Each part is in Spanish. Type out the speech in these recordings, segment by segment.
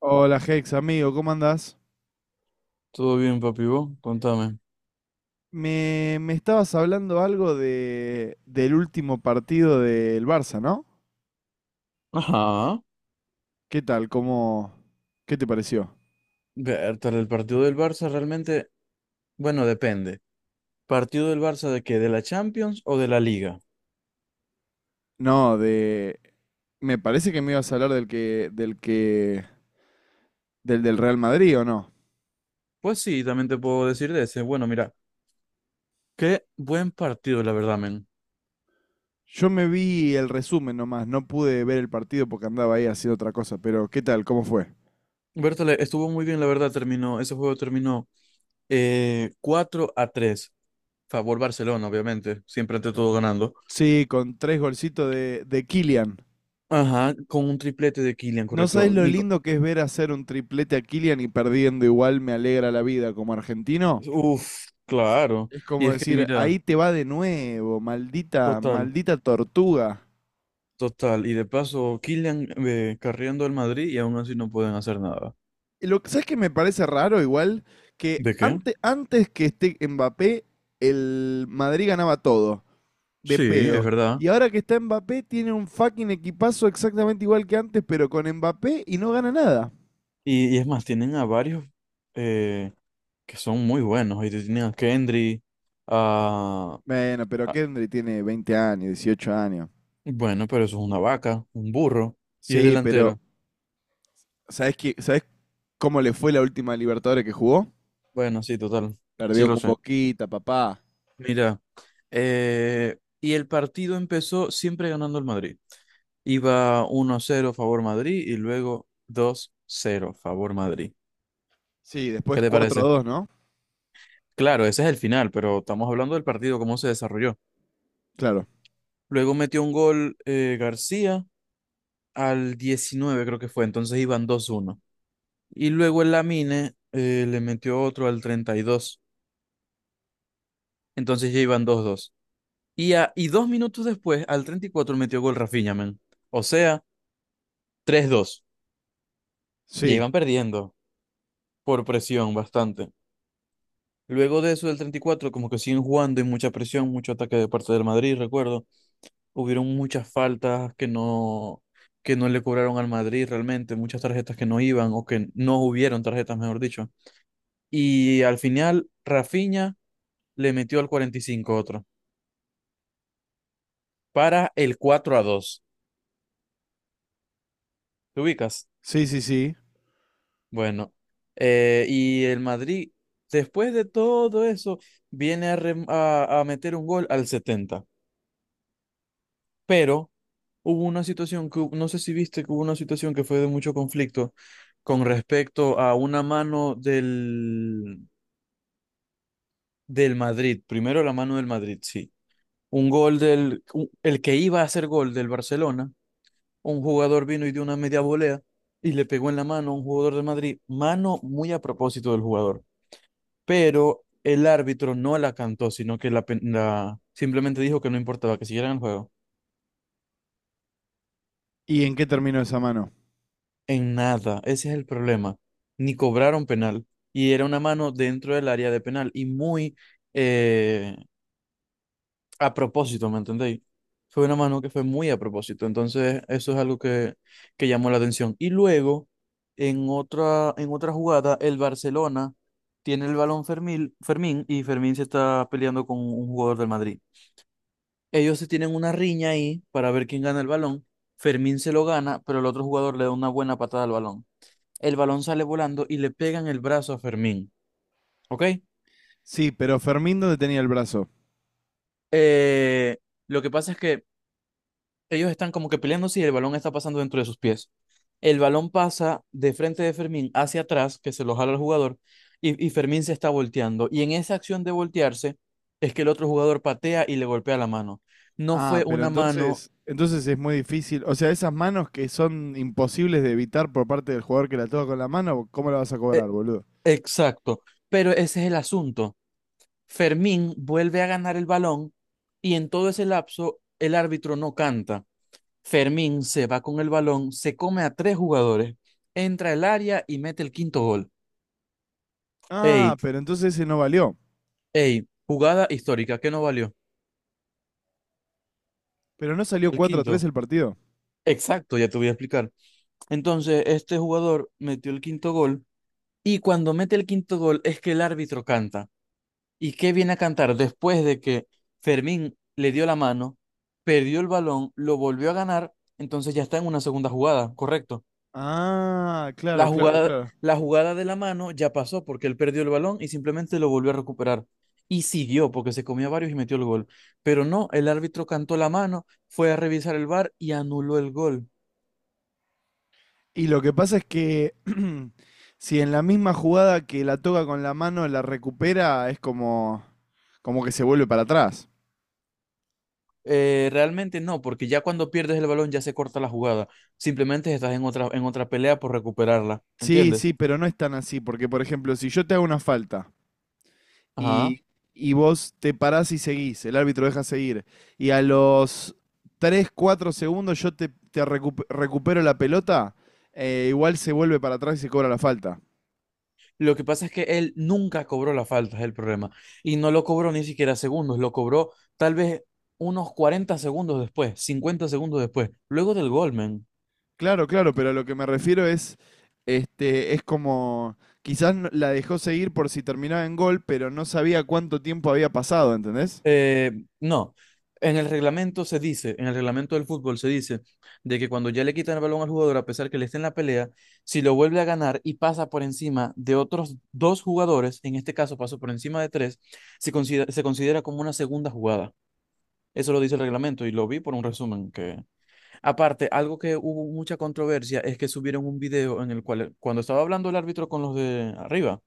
Hola Hex, amigo, ¿cómo andás? Todo bien, papi, vos, contame. Me estabas hablando algo del último partido del Barça, ¿no? Ajá. ¿Qué tal? ¿Qué te pareció? Bertal, el partido del Barça realmente, bueno, depende. ¿Partido del Barça de qué? ¿De la Champions o de la Liga? No. Me parece que me ibas a hablar del que, del que, del del Real Madrid, ¿o no? Pues sí, también te puedo decir de ese. Bueno, mira, qué buen partido, la verdad, men. Yo me vi el resumen nomás, no pude ver el partido porque andaba ahí haciendo otra cosa, pero ¿qué tal? ¿Cómo fue? Bertal, estuvo muy bien, la verdad, ese juego terminó 4 a tres favor Barcelona, obviamente, siempre ante todo ganando. Sí, con tres golcitos de Kylian. Ajá, con un triplete de Kylian, No sabés correcto. lo Nico. lindo que es ver hacer un triplete a Kylian y perdiendo igual me alegra la vida como argentino. Uf, claro. Es Y como es que decir, mira, ahí te va de nuevo, maldita, total. maldita tortuga. Total, y de paso, Kylian carriendo al Madrid y aún así no pueden hacer nada. Y lo que sabes que me parece raro igual que ¿De qué? antes que esté Mbappé, el Madrid ganaba todo, de Sí, es pedo. verdad. Y ahora que está Mbappé, tiene un fucking equipazo exactamente igual que antes, pero con Mbappé y no gana nada. Y es más, tienen a varios eh, que son muy buenos. Y tienen a Kendry, a, Bueno, pero a- Kendry tiene 20 años, 18 años. bueno, pero eso es una vaca, un burro, y es Sí, pero delantero. ¿Sabés cómo le fue la última Libertadores que jugó? Bueno, sí, total. Sí Perdió lo con sé. Boquita, papá. Mira, y el partido empezó siempre ganando el Madrid. Iba 1-0 favor Madrid y luego 2-0 favor Madrid. Sí, ¿Qué después te cuatro a parece? dos, ¿no? Claro, ese es el final, pero estamos hablando del partido, cómo se desarrolló. Claro. Luego metió un gol García al 19, creo que fue, entonces iban 2-1. Y luego el Lamine le metió otro al 32, entonces ya iban 2-2. Y 2 minutos después, al 34, metió gol Rafinha, men. O sea, 3-2. Ya Sí, iban perdiendo por presión bastante. Luego de eso del 34, como que siguen jugando y mucha presión, mucho ataque de parte del Madrid, recuerdo. Hubieron muchas faltas que no le cobraron al Madrid realmente, muchas tarjetas que no iban o que no hubieron tarjetas, mejor dicho. Y al final, Rafinha le metió al 45 otro, para el 4-2. ¿Te ubicas? sí, sí, sí. Bueno, y el Madrid, después de todo eso, viene a meter un gol al 70, pero hubo una situación. No sé si viste que hubo una situación que fue de mucho conflicto con respecto a una mano del Madrid. Primero la mano del Madrid, sí. Un gol, el que iba a hacer gol del Barcelona, un jugador vino y dio una media volea y le pegó en la mano a un jugador del Madrid. Mano muy a propósito del jugador. Pero el árbitro no la cantó, sino que simplemente dijo que no importaba, que siguieran el juego. ¿Y en qué terminó esa mano? En nada, ese es el problema. Ni cobraron penal. Y era una mano dentro del área de penal. Y muy eh, a propósito, ¿me entendéis? Fue una mano que fue muy a propósito. Entonces, eso es algo que llamó la atención. Y luego, en otra jugada, el Barcelona tiene el balón Fermín y Fermín se está peleando con un jugador del Madrid. Ellos se tienen una riña ahí para ver quién gana el balón. Fermín se lo gana, pero el otro jugador le da una buena patada al balón. El balón sale volando y le pegan el brazo a Fermín, ¿ok? Sí, pero Fermín, ¿dónde tenía el brazo? Eh, lo que pasa es que ellos están como que peleándose y el balón está pasando dentro de sus pies. El balón pasa de frente de Fermín hacia atrás, que se lo jala el jugador, y Fermín se está volteando. Y en esa acción de voltearse es que el otro jugador patea y le golpea la mano. No Ah, fue pero una mano. entonces es muy difícil. O sea, esas manos que son imposibles de evitar por parte del jugador que la toca con la mano, ¿cómo la vas a eh, cobrar, boludo? exacto, pero ese es el asunto. Fermín vuelve a ganar el balón y en todo ese lapso el árbitro no canta. Fermín se va con el balón, se come a tres jugadores, entra al área y mete el quinto gol. Ah, Ey, pero entonces ese no valió. ey, jugada histórica, ¿qué no valió? Pero no salió El 4-3 quinto. el partido. Exacto, ya te voy a explicar. Entonces, este jugador metió el quinto gol y cuando mete el quinto gol es que el árbitro canta. ¿Y qué viene a cantar después de que Fermín le dio la mano, perdió el balón, lo volvió a ganar? Entonces ya está en una segunda jugada, ¿correcto? Ah, La claro, claro, jugada, claro. la jugada de la mano ya pasó porque él perdió el balón y simplemente lo volvió a recuperar. Y siguió porque se comió a varios y metió el gol. Pero no, el árbitro cantó la mano, fue a revisar el VAR y anuló el gol. Y lo que pasa es que si en la misma jugada que la toca con la mano la recupera, es como que se vuelve para atrás. Realmente no, porque ya cuando pierdes el balón ya se corta la jugada. Simplemente estás en otra pelea por recuperarla. Sí, sí, ¿Entiendes? pero no es tan así, porque por ejemplo, si yo te hago una falta Ajá. y, y vos te parás y seguís, el árbitro deja seguir, y a los 3 4 segundos yo te recupero la pelota, igual se vuelve para atrás y se cobra la falta. Lo que pasa es que él nunca cobró la falta, es el problema. Y no lo cobró ni siquiera segundos, lo cobró tal vez unos 40 segundos después, 50 segundos después, luego del gol, man. Claro, claro, pero lo que me refiero es, este, es como, quizás la dejó seguir por si terminaba en gol, pero no sabía cuánto tiempo había pasado, ¿entendés? No, en el reglamento se dice, en el reglamento del fútbol se dice de que cuando ya le quitan el balón al jugador, a pesar que le esté en la pelea, si lo vuelve a ganar y pasa por encima de otros dos jugadores, en este caso pasó por encima de tres, se considera como una segunda jugada. Eso lo dice el reglamento y lo vi por un resumen. Aparte, algo que hubo mucha controversia es que subieron un video en el cual, cuando estaba hablando el árbitro con los de arriba,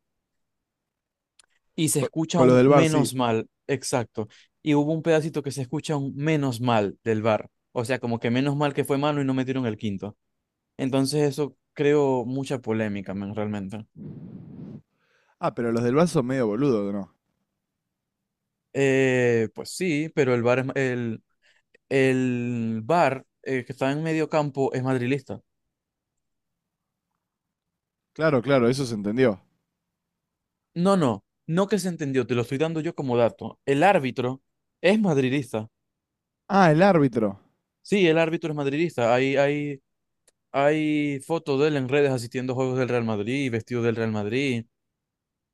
y se Co- escucha Con, los un del VAR, sí. menos mal, exacto, y hubo un pedacito que se escucha un menos mal del bar, o sea, como que menos mal que fue mano y no metieron el quinto. Entonces eso creó mucha polémica, men, realmente. Ah, pero los del VAR son medio boludo, ¿no? Pues sí, pero el VAR, que está en medio campo es madrilista. Claro, claro, eso se entendió. No, no, no que se entendió, te lo estoy dando yo como dato. El árbitro es madridista. Ah, el árbitro. Sí, el árbitro es madridista. Hay fotos de él en redes asistiendo a juegos del Real Madrid, vestido del Real Madrid.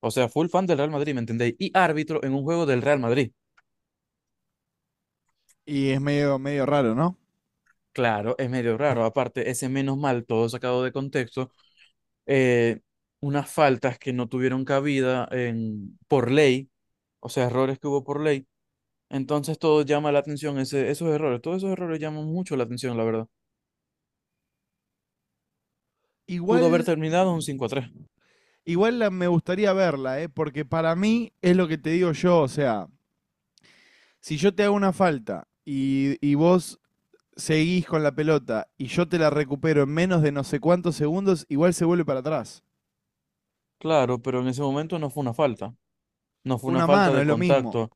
O sea, full fan del Real Madrid, ¿me entendéis? Y árbitro en un juego del Real Madrid. Y es medio, medio raro, ¿no? Claro, es medio raro. Aparte, ese menos mal, todo sacado de contexto, eh, unas faltas que no tuvieron cabida por ley, o sea, errores que hubo por ley. Entonces todo llama la atención, esos errores, todos esos errores llaman mucho la atención, la verdad. Pudo Igual, haber terminado un 5-3. igual, me gustaría verla, ¿eh? Porque para mí es lo que te digo yo, o sea, si yo te hago una falta y vos seguís con la pelota y yo te la recupero en menos de no sé cuántos segundos, igual se vuelve para atrás. Claro, pero en ese momento no fue una falta. No fue una Una falta mano de es lo mismo. contacto.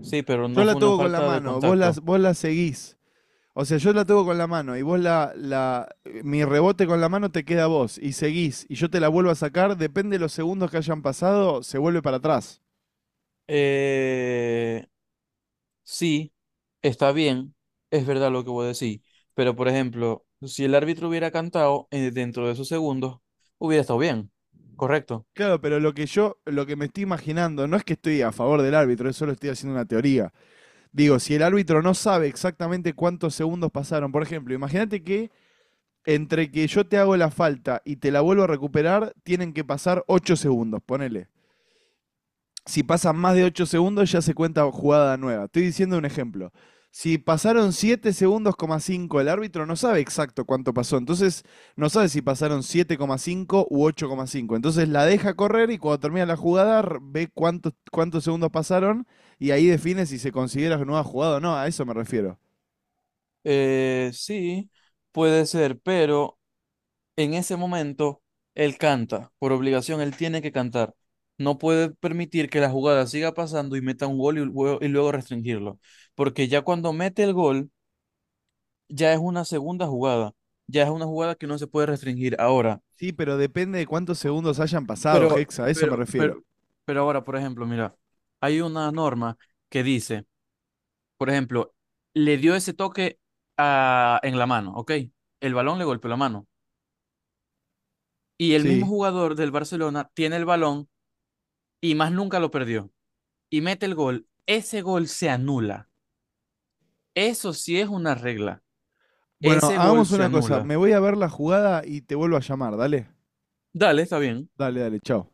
Sí, pero Yo no la fue una toco con la falta de mano, vos la, contacto. vos la seguís. O sea, yo la toco con la mano y vos la, la. Mi rebote con la mano te queda a vos y seguís y yo te la vuelvo a sacar, depende de los segundos que hayan pasado, se vuelve para atrás. Eh, sí, está bien, es verdad lo que voy a decir. Pero, por ejemplo, si el árbitro hubiera cantado dentro de esos segundos, hubiera estado bien. Correcto. Claro, pero lo que me estoy imaginando, no es que estoy a favor del árbitro, solo estoy haciendo una teoría. Digo, si el árbitro no sabe exactamente cuántos segundos pasaron, por ejemplo, imagínate que entre que yo te hago la falta y te la vuelvo a recuperar, tienen que pasar 8 segundos, ponele. Si pasan más de 8 segundos, ya se cuenta jugada nueva. Estoy diciendo un ejemplo. Si pasaron 7 segundos, coma 5, el árbitro no sabe exacto cuánto pasó. Entonces, no sabe si pasaron 7,5 u 8,5. Entonces, la deja correr y cuando termina la jugada, ve cuántos segundos pasaron y ahí define si se considera nueva jugada o no. A eso me refiero. Sí, puede ser, pero en ese momento él canta. Por obligación, él tiene que cantar. No puede permitir que la jugada siga pasando y meta un gol y luego restringirlo. Porque ya cuando mete el gol ya es una segunda jugada, ya es una jugada que no se puede restringir ahora. Sí, pero depende de cuántos segundos hayan pasado, Pero, Hexa. A eso me pero, refiero. pero, pero ahora, por ejemplo, mira, hay una norma que dice, por ejemplo, le dio ese toque en la mano, ¿ok? El balón le golpeó la mano. Y el mismo Sí, jugador del Barcelona tiene el balón y más nunca lo perdió. Y mete el gol. Ese gol se anula. Eso sí es una regla. bueno, Ese gol hagamos se una cosa. anula. Me voy a ver la jugada y te vuelvo a llamar. Dale, Dale, está bien. dale, dale, chao.